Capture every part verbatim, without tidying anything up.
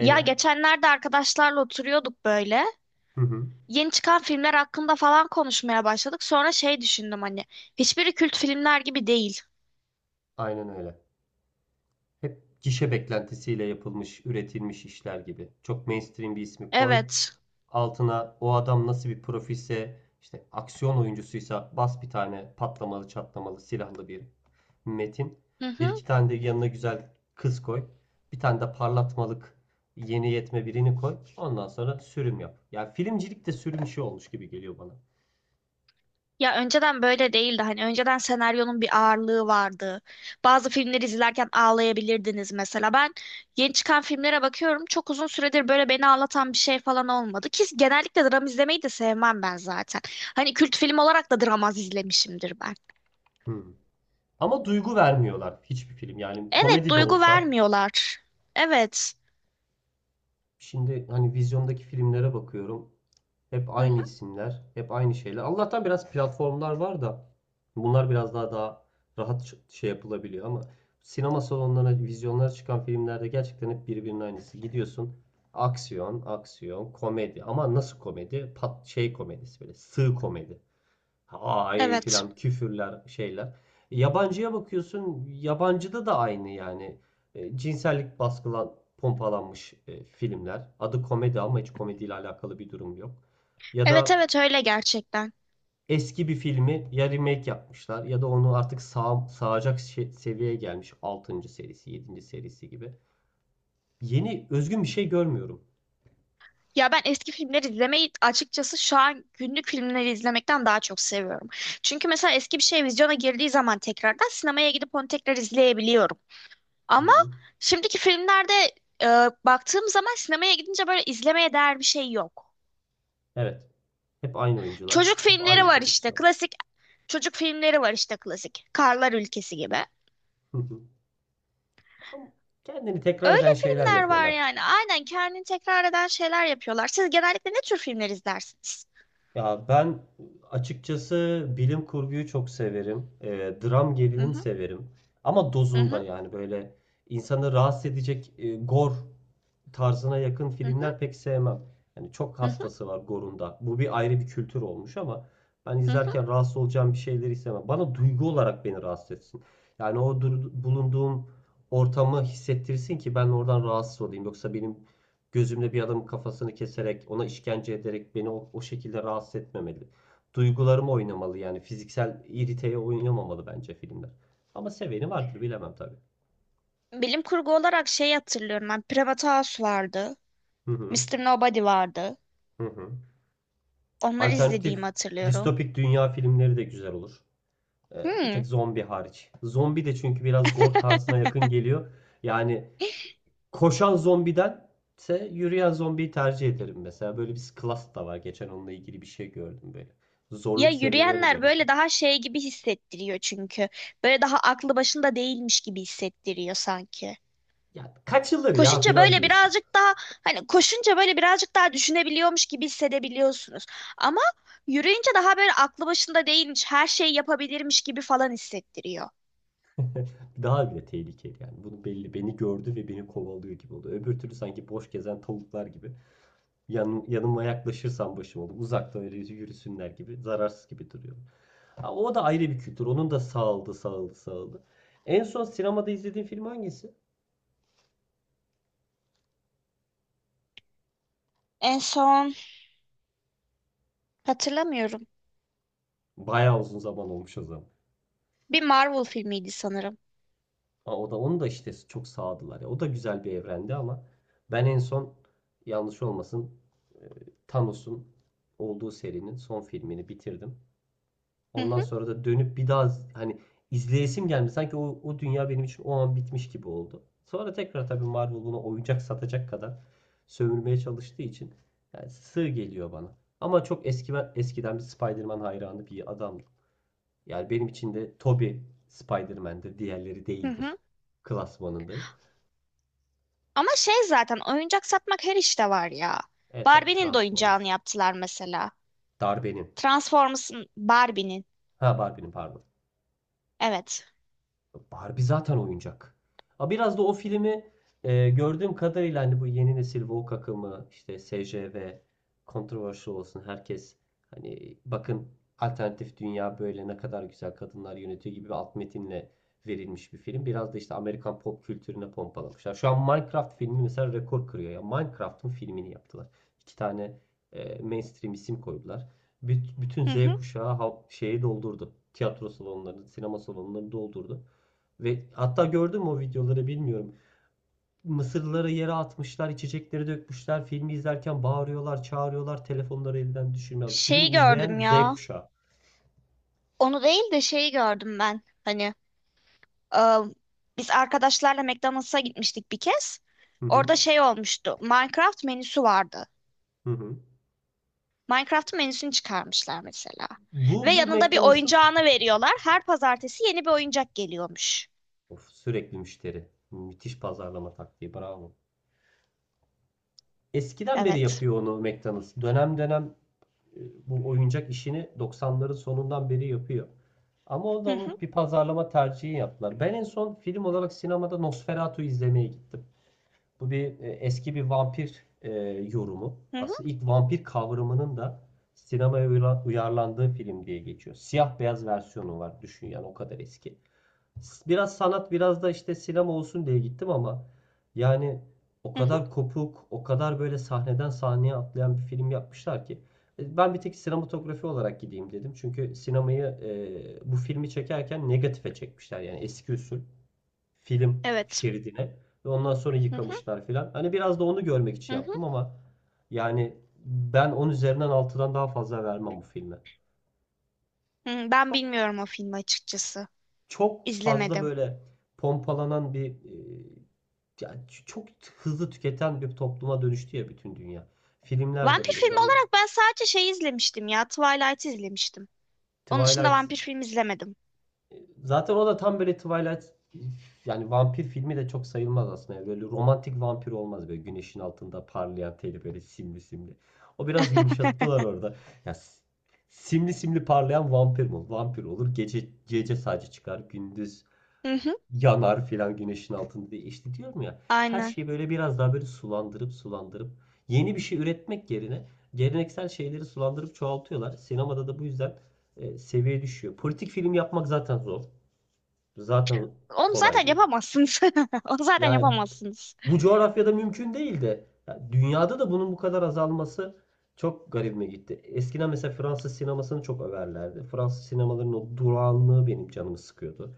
Ya geçenlerde arkadaşlarla oturuyorduk böyle. Hı hı. Yeni çıkan filmler hakkında falan konuşmaya başladık. Sonra şey düşündüm hani. Hiçbiri kült filmler gibi değil. Aynen öyle. Hep gişe beklentisiyle yapılmış, üretilmiş işler gibi. Çok mainstream bir ismi koy. Evet. Altına o adam nasıl bir profilse, işte aksiyon oyuncusuysa bas bir tane patlamalı, çatlamalı, silahlı bir metin. Hı Bir hı. iki tane de yanına güzel kız koy. Bir tane de parlatmalık yeni yetme birini koy. Ondan sonra sürüm yap. Yani filmcilik de sürüm işi olmuş gibi geliyor bana. Ya önceden böyle değildi. Hani önceden senaryonun bir ağırlığı vardı. Bazı filmleri izlerken ağlayabilirdiniz mesela. Ben yeni çıkan filmlere bakıyorum. Çok uzun süredir böyle beni ağlatan bir şey falan olmadı. Ki genellikle dram izlemeyi de sevmem ben zaten. Hani kült film olarak da dram az izlemişimdir ben. Hı. Ama duygu vermiyorlar hiçbir film. Yani Evet, komedi de duygu olsa. vermiyorlar. Evet. Şimdi hani vizyondaki filmlere bakıyorum. Hep Hı aynı hı. isimler, hep aynı şeyler. Allah'tan biraz platformlar var da bunlar biraz daha daha rahat ç- şey yapılabiliyor ama sinema salonlarına, vizyonlara çıkan filmlerde gerçekten hep birbirinin aynısı. Gidiyorsun aksiyon, aksiyon, komedi ama nasıl komedi? Pat şey komedisi böyle sığ komedi. Ay Evet. filan küfürler şeyler. Yabancıya bakıyorsun yabancıda da aynı yani. E, cinsellik baskılan pompalanmış e, filmler. Adı komedi ama hiç komediyle alakalı bir durum yok. Ya Evet da evet öyle gerçekten. eski bir filmi ya remake yapmışlar ya da onu artık sağ, sağacak şe- seviyeye gelmiş altıncı serisi yedinci serisi gibi. Yeni özgün bir şey görmüyorum. Ya ben eski filmleri izlemeyi açıkçası şu an günlük filmleri izlemekten daha çok seviyorum. Çünkü mesela eski bir şey vizyona girdiği zaman tekrardan sinemaya gidip onu tekrar izleyebiliyorum. Hı Ama hı. şimdiki filmlerde e, baktığım zaman sinemaya gidince böyle izlemeye değer bir şey yok. Evet. Hep aynı oyuncular. Çocuk Hep filmleri aynı var işte prodüksiyon. klasik çocuk filmleri var işte klasik. Karlar Ülkesi gibi. Hı hı. Ama kendini tekrar Öyle eden şeyler filmler var yapıyorlar. yani. Aynen kendini tekrar eden şeyler yapıyorlar. Siz genellikle ne tür filmler izlersiniz? Ya ben açıkçası bilim kurguyu çok severim. Ee, dram Hı gerilim hı. severim. Ama Hı dozunda hı, yani böyle insanı rahatsız edecek e, gor tarzına yakın hı hı, filmler pek sevmem. Yani çok hı hı, hastası var Gore'unda. Bu bir ayrı bir kültür olmuş ama ben hı hı. izlerken rahatsız olacağım bir şeyleri istemem. Bana duygu olarak beni rahatsız etsin. Yani o dur- bulunduğum ortamı hissettirsin ki ben oradan rahatsız olayım. Yoksa benim gözümle bir adamın kafasını keserek, ona işkence ederek beni o, o şekilde rahatsız etmemeli. Duygularım oynamalı yani fiziksel iriteye oynamamalı bence filmler. Ama seveni vardır bilemem tabii. Bilim kurgu olarak şey hatırlıyorum ben. Private House vardı. Hı hı. Mister Nobody vardı. Hı hı. Onları izlediğimi Alternatif hatırlıyorum. distopik dünya filmleri de güzel olur. Ee, bir Hmm. tek zombi hariç. Zombi de çünkü biraz gore tarzına yakın geliyor. Yani koşan zombidense yürüyen zombiyi tercih ederim mesela. Böyle bir class da var. Geçen onunla ilgili bir şey gördüm böyle. Ya Zorluk seviyelerine yürüyenler göre. böyle daha şey gibi hissettiriyor çünkü. Böyle daha aklı başında değilmiş gibi hissettiriyor sanki. Ya kaçılır ya Koşunca falan böyle diyorsun. birazcık daha hani koşunca böyle birazcık daha düşünebiliyormuş gibi hissedebiliyorsunuz. Ama yürüyünce daha böyle aklı başında değilmiş, her şeyi yapabilirmiş gibi falan hissettiriyor. Daha bile tehlikeli yani. Bunu belli beni gördü ve beni kovalıyor gibi oldu. Öbür türlü sanki boş gezen tavuklar gibi. Yan, yanıma yaklaşırsam başım olur. Uzakta öyle yürüsünler gibi. Zararsız gibi duruyor. Ha, o da ayrı bir kültür. Onun da sağladı, sağladı, sağladı. En son sinemada izlediğin film hangisi? En son hatırlamıyorum. Bayağı uzun zaman olmuş o zaman. Bir Marvel filmiydi sanırım. Ha, o da onu da işte çok sağladılar ya. O da güzel bir evrendi ama ben en son yanlış olmasın e, Thanos'un olduğu serinin son filmini bitirdim. Hı Ondan hı sonra da dönüp bir daha z- hani izleyesim gelmedi. Sanki o, o dünya benim için o an bitmiş gibi oldu. Sonra tekrar tabii Marvel buna oyuncak satacak kadar sömürmeye çalıştığı için yani sığ geliyor bana. Ama çok eski eskiden bir Spider-Man hayranı bir adamdım. Yani benim için de Tobey Spider-Man'dir, diğerleri hı değildir hı. klasmanındayım. Ama şey zaten oyuncak satmak her işte var ya. Evet tabii Barbie'nin de oyuncağını Transformers. yaptılar mesela. Darbenim. Transformers'ın Barbie'nin. Ha, Barbie'nin pardon. Evet. Barbie zaten oyuncak. Ha biraz da o filmi e, gördüğüm kadarıyla hani bu yeni nesil woke akımı işte S J V controversial olsun herkes, hani bakın alternatif dünya böyle ne kadar güzel kadınlar yönetiyor gibi bir alt metinle verilmiş bir film. Biraz da işte Amerikan pop kültürüne pompalamışlar. Şu an Minecraft filmi mesela rekor kırıyor ya. Minecraft'ın filmini yaptılar. İki tane e, mainstream isim koydular. Büt- Bütün Hı Z hı. kuşağı ha- şeyi doldurdu. Tiyatro salonlarını, sinema salonlarını doldurdu. Ve hatta gördüm o videoları bilmiyorum. Mısırlıları yere atmışlar, içecekleri dökmüşler. Filmi izlerken bağırıyorlar, çağırıyorlar, telefonları elden düşürmüyor. Film Şeyi izleyen gördüm Z ya. kuşağı. Onu değil de şeyi gördüm ben. Hani e, biz arkadaşlarla McDonald's'a gitmiştik bir kez. Hı hı, Orada şey olmuştu. Minecraft menüsü vardı. hı hı. Minecraft menüsünü çıkarmışlar mesela. Ve Bu bu yanında bir McDonald's'ın, oyuncağını veriyorlar. Her pazartesi yeni bir oyuncak geliyormuş. of, sürekli müşteri. Müthiş pazarlama taktiği, bravo. Eskiden beri Evet. yapıyor onu McDonald's. Dönem dönem e, bu oyuncak işini doksanların sonundan beri yapıyor. Ama o da onun bir pazarlama tercihi yaptılar. Ben en son film olarak sinemada Nosferatu izlemeye gittim. Bu bir e, eski bir vampir e, yorumu. Hı hı, Aslında ilk vampir kavramının da sinemaya uyarlandığı film diye geçiyor. Siyah beyaz versiyonu var düşün yani o kadar eski. Biraz sanat biraz da işte sinema olsun diye gittim ama yani o hı hı. kadar kopuk, o kadar böyle sahneden sahneye atlayan bir film yapmışlar ki. E, Ben bir tek sinematografi olarak gideyim dedim. Çünkü sinemayı e, bu filmi çekerken negatife çekmişler yani eski usul film Evet. şeridine ve ondan sonra Hı hı, yıkamışlar filan. Hani biraz da onu görmek için hı hı. yaptım ama yani ben on üzerinden altıdan daha fazla vermem bu filme. Hı, ben Çok bilmiyorum o filmi açıkçası. çok fazla İzlemedim. böyle pompalanan bir e, yani ç- çok hızlı tüketen bir topluma dönüştü ya bütün dünya. Filmler de Vampir böyle oldu filmi hemen. olarak ben sadece şey izlemiştim ya. Twilight izlemiştim. Onun dışında Twilight. vampir film izlemedim. Zaten o da tam böyle Twilight, yani vampir filmi de çok sayılmaz aslında. Yani böyle romantik vampir olmaz böyle güneşin altında parlayan teli böyle simli simli. O biraz yumuşattılar orada. Ya s- simli simli parlayan vampir mi olur? Vampir olur. Gece gece sadece çıkar, gündüz Hı hı, yanar filan güneşin altında diye. İşte diyorum ya, her aynen. şeyi böyle biraz daha böyle sulandırıp sulandırıp yeni bir şey üretmek yerine geleneksel şeyleri sulandırıp çoğaltıyorlar. Sinemada da bu yüzden e, seviye düşüyor. Politik film yapmak zaten zor. Zaten Onu kolay zaten değil. yapamazsınız. Onu zaten Yani yapamazsınız. bu coğrafyada mümkün değildi. Ya dünyada da bunun bu kadar azalması çok garibime gitti. Eskiden mesela Fransız sinemasını çok överlerdi. Fransız sinemalarının o durağanlığı benim canımı sıkıyordu.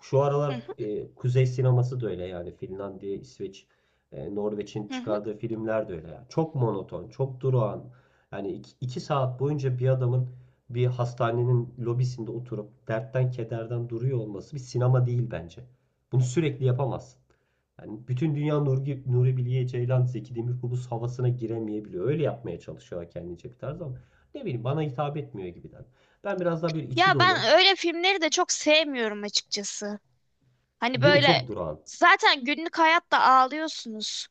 Şu Hı aralar hı, e, Kuzey sineması da öyle yani Finlandiya, İsveç, e, Norveç'in hı hı. çıkardığı filmler de öyle. Yani, çok monoton, çok durağan. Yani iki, iki saat boyunca bir adamın bir hastanenin lobisinde oturup dertten kederden duruyor olması bir sinema değil bence. Bunu sürekli yapamazsın. Yani bütün dünya Nuri, Nuri Bilge Ceylan, Zeki Demirkubuz havasına giremeyebiliyor. Öyle yapmaya çalışıyorlar kendince bir tarz ama ne bileyim bana hitap etmiyor gibiden. Ben biraz daha böyle içi Ya dolu, ben öyle filmleri de çok sevmiyorum açıkçası. Hani değil mi? böyle Çok durağan. zaten günlük hayatta ağlıyorsunuz.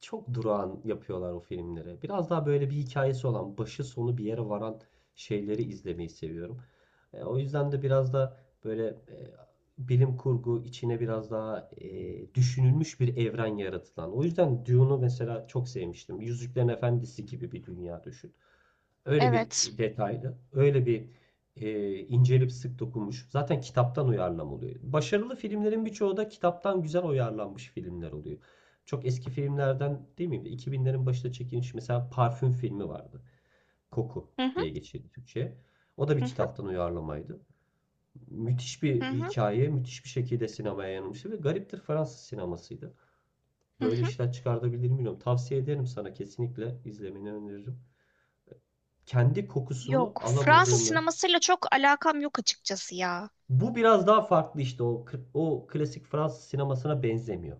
Çok durağan yapıyorlar o filmleri. Biraz daha böyle bir hikayesi olan, başı sonu bir yere varan şeyleri izlemeyi seviyorum. E, o yüzden de biraz da böyle e, bilim kurgu içine biraz daha e, düşünülmüş bir evren yaratılan. O yüzden Dune'u mesela çok sevmiştim. Yüzüklerin Efendisi gibi bir dünya düşün. Öyle bir Evet. detaylı, öyle bir e, incelip sık dokunmuş. Zaten kitaptan uyarlama oluyor. Başarılı filmlerin birçoğu da kitaptan güzel uyarlanmış filmler oluyor. Çok eski filmlerden değil mi? iki binlerin başında çekilmiş mesela Parfüm filmi vardı. Koku Hı hı, diye geçirdi Türkçe'ye. O da hı bir hı, kitaptan uyarlamaydı. Müthiş hı bir hı, hikaye, müthiş bir şekilde sinemaya yansımıştı ve gariptir Fransız sinemasıydı. hı Böyle hı. işler çıkartabilir mi bilmiyorum. Tavsiye ederim sana, kesinlikle izlemeni öneririm. Kendi kokusunu Yok. Fransız alamadığını. sinemasıyla çok alakam yok açıkçası ya. Bu biraz daha farklı işte o o klasik Fransız sinemasına benzemiyor.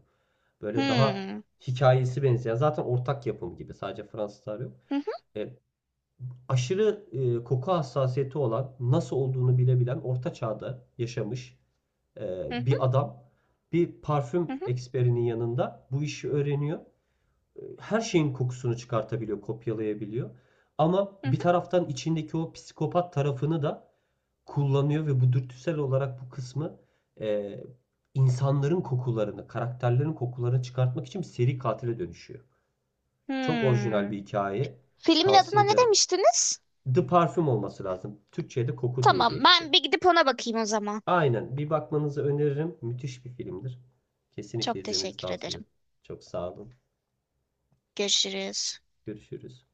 Böyle daha Hmm. hikayesi benzeyen zaten ortak yapım gibi, sadece Fransızlar yok. Hı hı E, Aşırı e, koku hassasiyeti olan nasıl olduğunu bilebilen orta çağda yaşamış e, hı hı bir adam bir parfüm hı hı eksperinin yanında bu işi öğreniyor. E, Her şeyin kokusunu çıkartabiliyor, kopyalayabiliyor. Ama hı bir hı. taraftan içindeki o psikopat tarafını da kullanıyor ve bu dürtüsel olarak bu kısmı e, insanların kokularını, karakterlerin kokularını çıkartmak için bir seri katile dönüşüyor. Çok orijinal Hmm. bir hikaye. Filmin Tavsiye adına ne ederim. demiştiniz? The Parfüm olması lazım. Türkçe'de koku diye Tamam, geçti. ben bir gidip ona bakayım o zaman. Aynen. Bir bakmanızı öneririm. Müthiş bir filmdir. Kesinlikle Çok izlemenizi teşekkür tavsiye ederim. ederim. Çok sağ olun. Görüşürüz. Görüşürüz.